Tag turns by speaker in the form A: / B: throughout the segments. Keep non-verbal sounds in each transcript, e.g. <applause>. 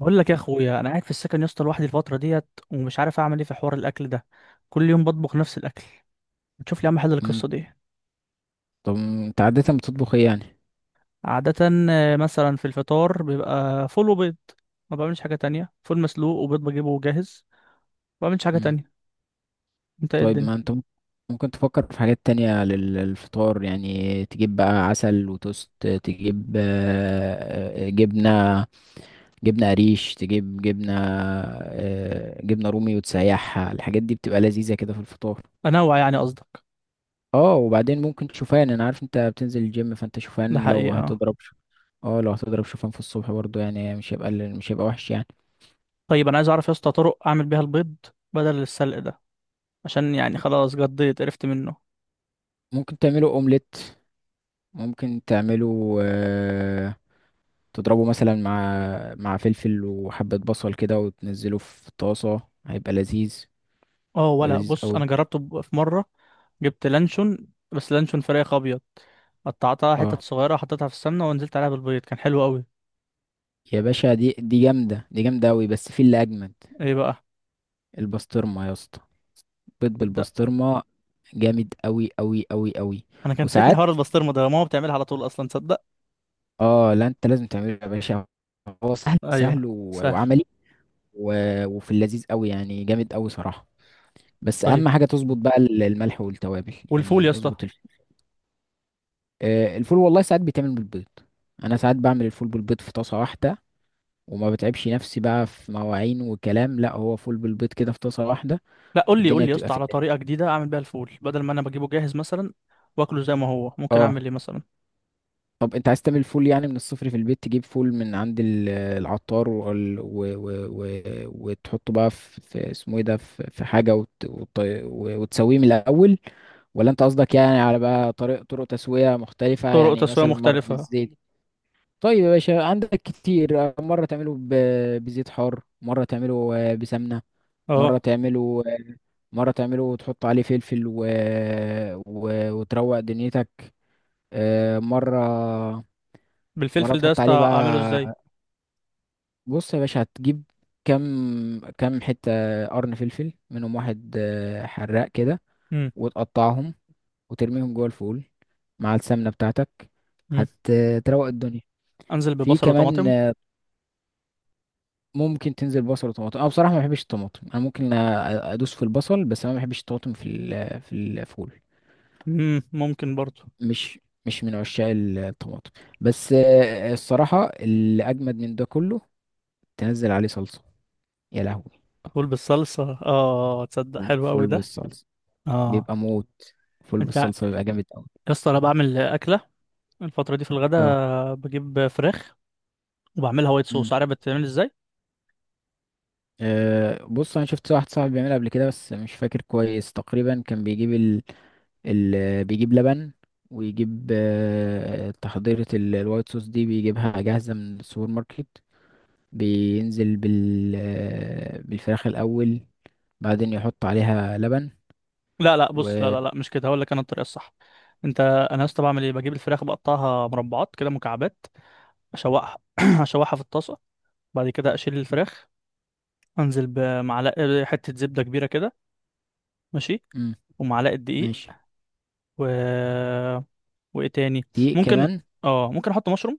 A: بقول لك يا اخويا، انا قاعد في السكن يا اسطى لوحدي الفتره ديت ومش عارف اعمل ايه في حوار الاكل ده. كل يوم بطبخ نفس الاكل. ما تشوف لي يا عم حل
B: مم.
A: القصه دي.
B: طب انت عادة بتطبخ ايه يعني؟
A: عاده. مثلا في الفطار بيبقى فول وبيض. ما بعملش حاجه تانية، فول مسلوق وبيض بجيبه جاهز. ما بعملش حاجه
B: مم.
A: تانية. انت ايه
B: طيب،
A: الدنيا؟
B: ما انت ممكن تفكر في حاجات تانية للفطار، يعني تجيب بقى عسل وتوست، تجيب جبنة، جبنة قريش، تجيب جبنة جبنة رومي وتسيحها، الحاجات دي بتبقى لذيذة كده في الفطار.
A: انوع يعني قصدك؟
B: اه، وبعدين ممكن شوفان، انا عارف انت بتنزل الجيم، فانت
A: ده
B: شوفان لو
A: حقيقه آه.
B: هتضرب اه، لو هتضرب شوفان في الصبح برضو، يعني مش هيبقى وحش يعني.
A: طيب، انا عايز اعرف يا اسطى طرق اعمل بيها البيض بدل السلق ده، عشان يعني خلاص قضيت عرفت منه.
B: ممكن تعمله اومليت، ممكن تعمله، تضربه مثلا مع، فلفل وحبة بصل كده وتنزله في طاسة، هيبقى لذيذ،
A: اه،
B: هيبقى
A: ولا
B: لذيذ
A: بص،
B: قوي.
A: انا جربته في مره. جبت لانشون، بس لانشون فراخ ابيض. قطعتها حتت
B: اه
A: صغيره، حطيتها في السمنه ونزلت عليها بالبيض، كان حلو قوي.
B: يا باشا، دي جامدة، دي جامدة قوي، بس في اللي أجمد،
A: ايه بقى؟
B: البسطرمة يا اسطى، بيض
A: تصدق.
B: بالبسطرمة، جامد قوي قوي قوي قوي.
A: انا كان فايتني
B: وساعات،
A: حوار البسطرمه ده، ماما بتعملها على طول اصلا، تصدق.
B: اه لا، انت لازم تعمله يا باشا، هو سهل، سهل
A: ايوه سهل.
B: وعملي، وفي اللذيذ قوي يعني، جامد قوي صراحة. بس
A: طيب
B: اهم حاجة تظبط بقى الملح والتوابل،
A: والفول يا
B: يعني
A: اسطى؟
B: اظبط. الفول والله ساعات بيتعمل بالبيض، انا ساعات بعمل الفول بالبيض في طاسه واحده، وما بتعبش نفسي بقى في مواعين وكلام، لا، هو فول بالبيض كده في طاسه واحده،
A: لا، قول لي قول
B: والدنيا
A: لي يا
B: بتبقى
A: اسطى
B: في
A: على
B: الدنيا.
A: طريقه جديده اعمل بيها الفول بدل ما انا بجيبه جاهز مثلا. واكله زي ما هو، ممكن
B: اه،
A: اعمل ايه مثلا؟
B: طب انت عايز تعمل فول يعني من الصفر في البيت، تجيب فول من عند العطار و... و... وتحطه بقى في، في اسمه ايه ده، في، في حاجه وتسويه من الاول، ولا انت قصدك يعني على بقى طريق، طرق تسويه مختلفه،
A: طرق
B: يعني
A: تسويه
B: مثلا مره
A: مختلفه.
B: بالزيت. طيب يا باشا، عندك كتير، مرة تعمله بزيت حار، مرة تعمله بسمنة، مرة
A: اه.
B: تعمله مرة تعمله وتحط عليه فلفل وتروق دنيتك، مرة، مرة
A: بالفلفل ده يا
B: تحط
A: اسطى
B: عليه
A: اعمله ازاي؟
B: بقى، بص يا باشا، هتجيب كم، كم حتة قرن فلفل، منهم واحد حراق كده،
A: امم.
B: وتقطعهم، وترميهم جوه الفول مع السمنة بتاعتك، هتروق الدنيا.
A: انزل
B: في
A: ببصل
B: كمان،
A: وطماطم.
B: ممكن تنزل بصل وطماطم، انا بصراحه ما بحبش الطماطم، انا ممكن ادوس في البصل، بس انا ما بحبش الطماطم في في الفول،
A: ممكن برضه.
B: مش مش من عشاق الطماطم. بس الصراحه اللي اجمد من ده كله، تنزل عليه صلصه، يا لهوي.
A: فول بالصلصة، اه تصدق
B: فول
A: حلو قوي
B: فول
A: ده.
B: بالصلصه
A: اه.
B: بيبقى موت، فول
A: انت يا
B: بالصلصه بيبقى جامد قوي.
A: اسطى، انا بعمل اكلة الفترة دي في
B: اه.
A: الغداء، بجيب فراخ وبعملها وايت صوص،
B: امم.
A: عارف بتتعمل ازاي؟
B: أه، بص، انا شفت واحد صاحبي بيعملها قبل كده، بس مش فاكر كويس، تقريبا كان بيجيب اللي بيجيب لبن، ويجيب تحضيرة الوايت صوص دي، بيجيبها جاهزة من السوبر ماركت، بينزل بال بالفراخ الأول، بعدين يحط عليها لبن،
A: لا لا، بص، لا
B: و،
A: لا لا، مش كده، هقول لك انا الطريقة الصح. انت، انا يا اسطى بعمل ايه، بجيب الفراخ بقطعها مربعات كده، مكعبات. اشوحها <clears throat> اشوحها في الطاسة. بعد كده اشيل الفراخ. انزل بمعلقة حتة زبدة كبيرة كده. ماشي.
B: مم،
A: ومعلقة دقيق.
B: ماشي.
A: و وايه تاني؟
B: دي
A: ممكن.
B: كمان.
A: اه ممكن احط مشروم.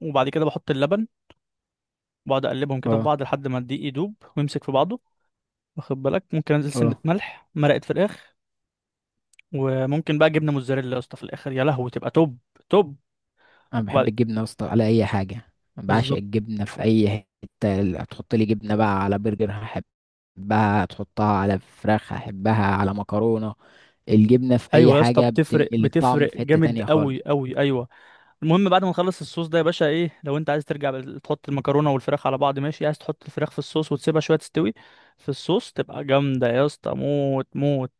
A: وبعد كده بحط اللبن. بقعد اقلبهم كده في
B: اه.
A: بعض لحد ما الدقيق يدوب ويمسك في بعضه. واخد بالك، ممكن انزل سنة
B: اه،
A: ملح، مرقة فراخ. وممكن بقى جبنة موتزاريلا يا اسطى في الاخر، يا لهوي، تبقى توب توب.
B: أنا بحب
A: وبعد-
B: الجبنة يا اسطى على أي حاجة، أنا بعشق
A: بالظبط.
B: الجبنة في أي حتة، هتحط لي جبنة بقى على برجر هحبها، هتحطها على فراخ هحبها، على مكرونة، الجبنة في أي
A: ايوه يا اسطى
B: حاجة
A: بتفرق،
B: بتنقل الطعم
A: بتفرق
B: في حتة
A: جامد
B: تانية خالص.
A: قوي قوي، ايوه. المهم بعد ما نخلص الصوص ده يا باشا، ايه لو انت عايز ترجع تحط المكرونه والفراخ على بعض، ماشي، عايز تحط الفراخ في الصوص وتسيبها شويه تستوي في الصوص، تبقى جامده يا اسطى، موت موت.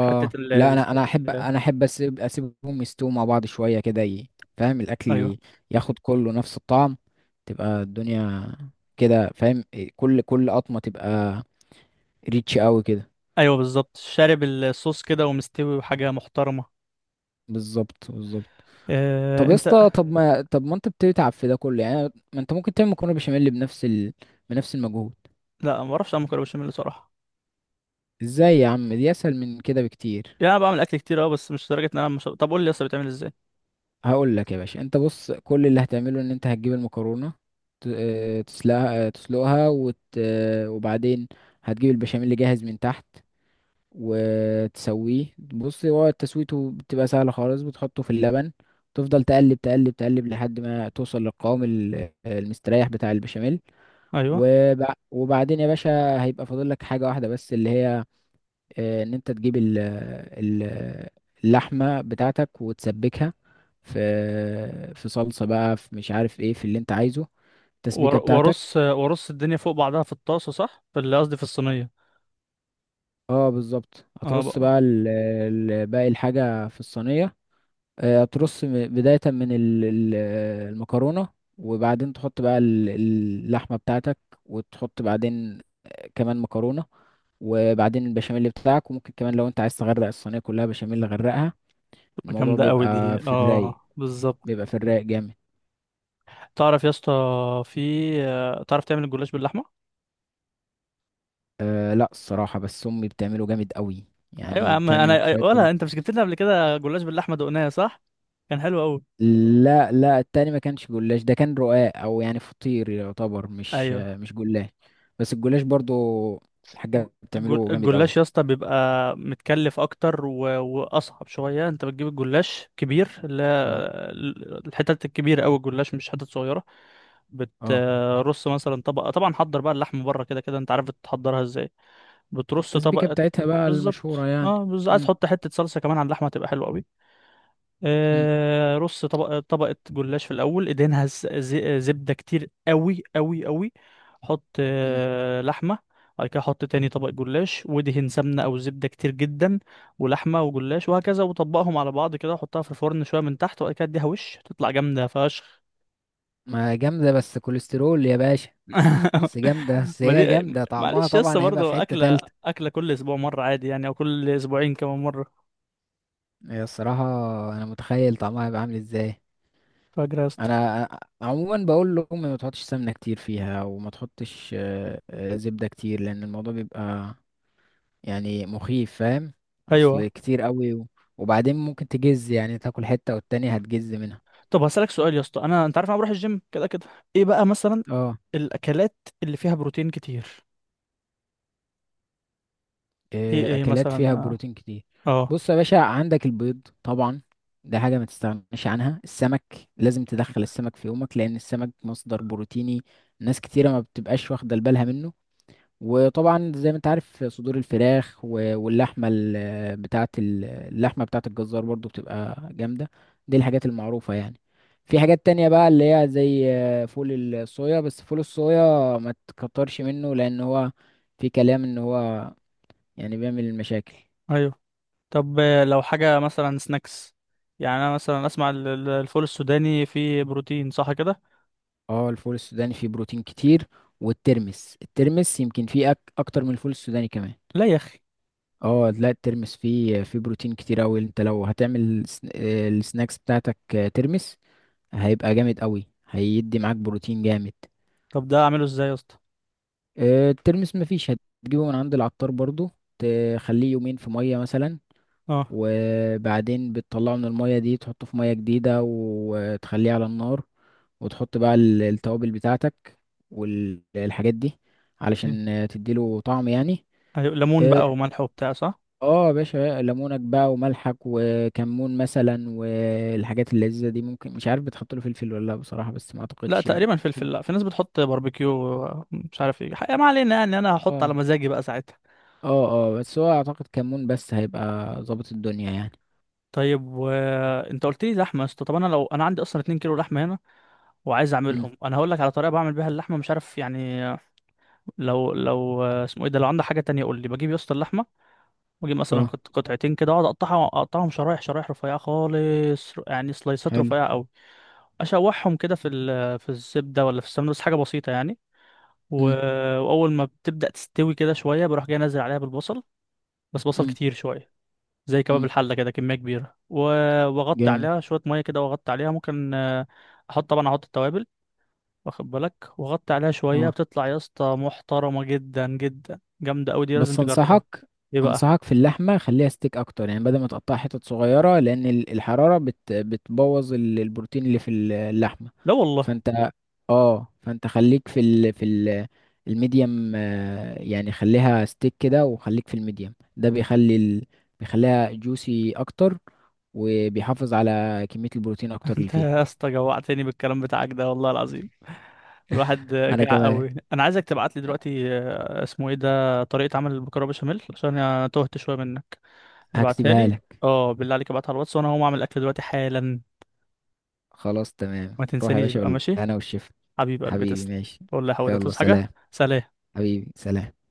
A: حته
B: لا، انا انا احب انا احب اسيبهم يستووا مع بعض شويه كده فاهم؟
A: ايوه
B: الاكل ياخد كله نفس الطعم، تبقى الدنيا كده، فاهم إيه، كل قطمه تبقى ريتش قوي كده.
A: ايوه بالظبط، شارب الصوص كده ومستوي، وحاجه محترمه.
B: بالظبط، بالظبط. طب
A: إيه
B: يا
A: انت؟
B: اسطى، طب ما انت بتتعب في ده كله يعني، ما انت ممكن تعمل مكرونه بشاميل بنفس بنفس المجهود.
A: لا، ما اعرفش اعمل مكرونه بشاميل صراحه.
B: ازاي يا عم؟ دي اسهل من كده بكتير.
A: يعني انا بعمل اكل كتير اه، بس مش لدرجه ان انا مش... طب قول لي اصلا بتعمل ازاي.
B: هقول لك يا باشا، انت بص، كل اللي هتعمله ان انت هتجيب المكرونه، تسلقها، وت... آه، وبعدين هتجيب البشاميل اللي جاهز من تحت وتسويه، بص، هو تسويته بتبقى سهله خالص، بتحطه في اللبن، تفضل تقلب تقلب تقلب لحد ما توصل للقوام المستريح بتاع البشاميل.
A: ايوه.
B: وبعدين يا باشا، هيبقى فاضل لك حاجه واحده بس، اللي هي ان انت تجيب اللحمه بتاعتك وتسبكها في، في صلصه بقى، في، مش عارف ايه، في اللي انت عايزه،
A: ور-
B: التسبيكه بتاعتك.
A: وارص وارص الدنيا فوق بعضها في الطاسه، صح، في اللي قصدي في الصينيه.
B: اه، بالظبط،
A: اه
B: هترص
A: بقى.
B: بقى باقي الحاجه في الصينيه، هترص بدايه من المكرونه، وبعدين تحط بقى اللحمه بتاعتك، وتحط بعدين كمان مكرونه، وبعدين البشاميل بتاعك، وممكن كمان لو انت عايز تغرق الصينيه كلها بشاميل غرقها،
A: تبقى
B: الموضوع
A: جامده قوي
B: بيبقى
A: دي،
B: في الرايق،
A: اه بالظبط.
B: بيبقى في الرايق جامد.
A: تعرف يا اسطى في تعرف تعمل الجلاش باللحمه؟
B: أه لا، الصراحة بس أمي بتعمله جامد قوي،
A: ايوه يا
B: يعني
A: عم،
B: بتعمل
A: انا
B: شوية
A: ولا انت مش جبت لنا قبل كده جلاش باللحمه دقناه، صح، كان حلو قوي.
B: لا لا، التاني ما كانش جلاش، ده كان رقاق، أو يعني فطير يعتبر، مش
A: ايوه.
B: مش جلاش، بس الجلاش برضو الحاجة
A: الجل-
B: بتعمله جامد
A: الجلاش يا
B: قوي.
A: اسطى بيبقى متكلف اكتر و... واصعب شويه. انت بتجيب الجلاش كبير، اللي
B: اه.
A: هي الحتت الكبيره، او الجلاش مش حتت صغيره.
B: اه،
A: بترص مثلا طبقه، طبعا حضر بقى اللحم بره كده، كده انت عارف بتحضرها ازاي. بترص
B: التسبيكة
A: طبقه
B: بتاعتها بقى المشهورة
A: بالظبط،
B: يعني.
A: اه بالظبط، عايز
B: مم.
A: تحط حته صلصه كمان على اللحمه تبقى حلوه قوي.
B: مم.
A: رص طبقة طبقة جلاش في الأول، ادهنها زبدة كتير قوي قوي قوي. حط
B: مم.
A: لحمة. بعد كده حط تاني طبق جلاش ودهن سمنة أو زبدة كتير جدا. ولحمة وجلاش وهكذا، وطبقهم على بعض كده، وحطها في الفرن شوية من تحت، وبعد كده اديها وش، تطلع جامدة فشخ.
B: ما جامدة، بس كوليسترول يا باشا.
A: <laughs>
B: بس جامدة، بس
A: ما دي
B: هي جامدة، طعمها
A: معلش يا اسطى،
B: طبعا هيبقى في
A: برضه
B: حتة
A: أكلة
B: تالتة.
A: أكلة كل أسبوع مرة عادي يعني، أو كل أسبوعين كمان مرة.
B: هي الصراحة، أنا متخيل طعمها هيبقى عامل ازاي.
A: فاجرة يا اسطى.
B: انا عموما بقول لهم ما تحطش سمنه كتير فيها، وما تحطش زبده كتير، لان الموضوع بيبقى يعني مخيف، فاهم؟ اصل
A: أيوه.
B: كتير قوي، وبعدين ممكن تجز، يعني تاكل حته والتانية هتجز منها.
A: طب هسألك سؤال يا اسطى، أنت عارف أنا بروح الجيم كده كده. ايه بقى مثلا
B: اه.
A: الأكلات اللي فيها بروتين كتير؟ ايه ايه
B: اكلات فيها
A: مثلا؟
B: بروتين كتير.
A: اه.
B: بص يا باشا، عندك البيض طبعا، ده حاجه ما تستغناش عنها. السمك، لازم تدخل السمك في يومك، لان السمك مصدر بروتيني، ناس كتيره ما بتبقاش واخده بالها منه. وطبعا زي ما انت عارف، صدور الفراخ واللحمه بتاعه اللحمه بتاعه الجزار برضو بتبقى جامده، دي الحاجات المعروفه يعني. في حاجات تانية بقى اللي هي زي فول الصويا، بس فول الصويا ما تكترش منه، لان هو في كلام ان هو يعني بيعمل مشاكل.
A: ايوه. طب لو حاجة مثلا سناكس، يعني انا مثلا اسمع الفول السوداني فيه بروتين صح كده؟
B: اه، الفول السوداني فيه بروتين كتير، والترمس يمكن فيه اكتر من الفول السوداني كمان.
A: لا يا اخي.
B: اه لا، الترمس فيه بروتين كتير اوي، انت لو هتعمل السناكس بتاعتك ترمس، هيبقى جامد قوي، هيدي معاك بروتين جامد.
A: طب ده اعمله ازاي يا اسطى؟
B: الترمس مفيش، هتجيبه من عند العطار برضو، تخليه يومين في مية مثلا،
A: اه.
B: وبعدين بتطلعه من المية دي، تحطه في مية جديدة وتخليه على النار، وتحط بقى التوابل بتاعتك والحاجات دي،
A: إيه؟
B: علشان تديله طعم يعني.
A: ايوه، ليمون
B: اه.
A: بقى وملح وبتاع، صح.
B: آه يا باشا، ليمونك بقى وملحك وكمون مثلا، والحاجات اللذيذة دي، ممكن، مش عارف بتحط له فلفل ولا لا بصراحة، بس ما
A: لا
B: اعتقدش يعني.
A: تقريبا فلفل، لا في ناس بتحط باربيكيو مش عارف ايه حقيقة، ما علينا يعني، انا هحط على
B: اه.
A: مزاجي بقى ساعتها.
B: اه، اه، بس هو اعتقد كمون بس، هيبقى ظابط الدنيا يعني.
A: طيب، وانت قلت لي لحمه يا اسطى، طب انا لو انا عندي اصلا 2 كيلو لحمه هنا وعايز
B: امم.
A: اعملهم، انا هقول لك على طريقه بعمل بيها اللحمه، مش عارف يعني. لو لو اسمه ايه ده، لو عندك حاجه تانية قول لي. بجيب يا اسطى اللحمه واجيب مثلا
B: اه،
A: قطعتين كده، اقعد اقطعهم شرايح شرايح رفيعه خالص، يعني سلايسات
B: حلو.
A: رفيعه قوي. اشوحهم كده في الزبده، ولا في السمنه، بس حاجه بسيطه يعني. و-
B: امم.
A: واول ما بتبدا تستوي كده شويه، بروح جاي انزل عليها بالبصل، بس بصل
B: امم.
A: كتير شويه، زي كباب
B: امم.
A: الحله كده، كميه كبيره، و- واغطي
B: جامد.
A: عليها شويه ميه كده، واغطي عليها، ممكن احط، طبعا احط التوابل. واخد بالك وغطي عليها شوية،
B: اه،
A: بتطلع يا اسطى محترمة جدا جدا، جامدة أوي دي، لازم
B: بس
A: تجربها.
B: انصحك،
A: ايه بقى؟
B: انصحك في اللحمه، خليها ستيك اكتر، يعني بدل ما تقطعها حتت صغيره، لان الحراره بتبوظ البروتين اللي في اللحمه.
A: لا والله.
B: فانت، اه، فانت خليك في ال في ال الميديم، يعني خليها ستيك كده، وخليك في الميديم، ده بيخلي بيخليها جوسي اكتر، وبيحافظ على كميه البروتين
A: <laughs>
B: اكتر اللي
A: انت
B: فيها.
A: يا اسطى جوعتني بالكلام بتاعك ده والله العظيم، الواحد
B: انا
A: جاع
B: كمان.
A: قوي. انا عايزك تبعت لي دلوقتي اسمه ايه ده، طريقة عمل المكرونة بشاميل، عشان انا تهت شوية منك. ابعتها
B: هكتبها
A: لي.
B: لك.
A: اه بالله عليك، ابعتها على الواتس، وانا هقوم اعمل اكل دلوقتي حالا.
B: خلاص تمام،
A: ما
B: روح يا
A: تنسانيش
B: باشا
A: بقى، ماشي،
B: بالهنا والشفا.
A: حبيب قلبي،
B: حبيبي،
A: تسلم.
B: ماشي.
A: قول لي يا حوده
B: يلا
A: تصحى
B: سلام.
A: حاجة؟ سلام.
B: حبيبي، سلام.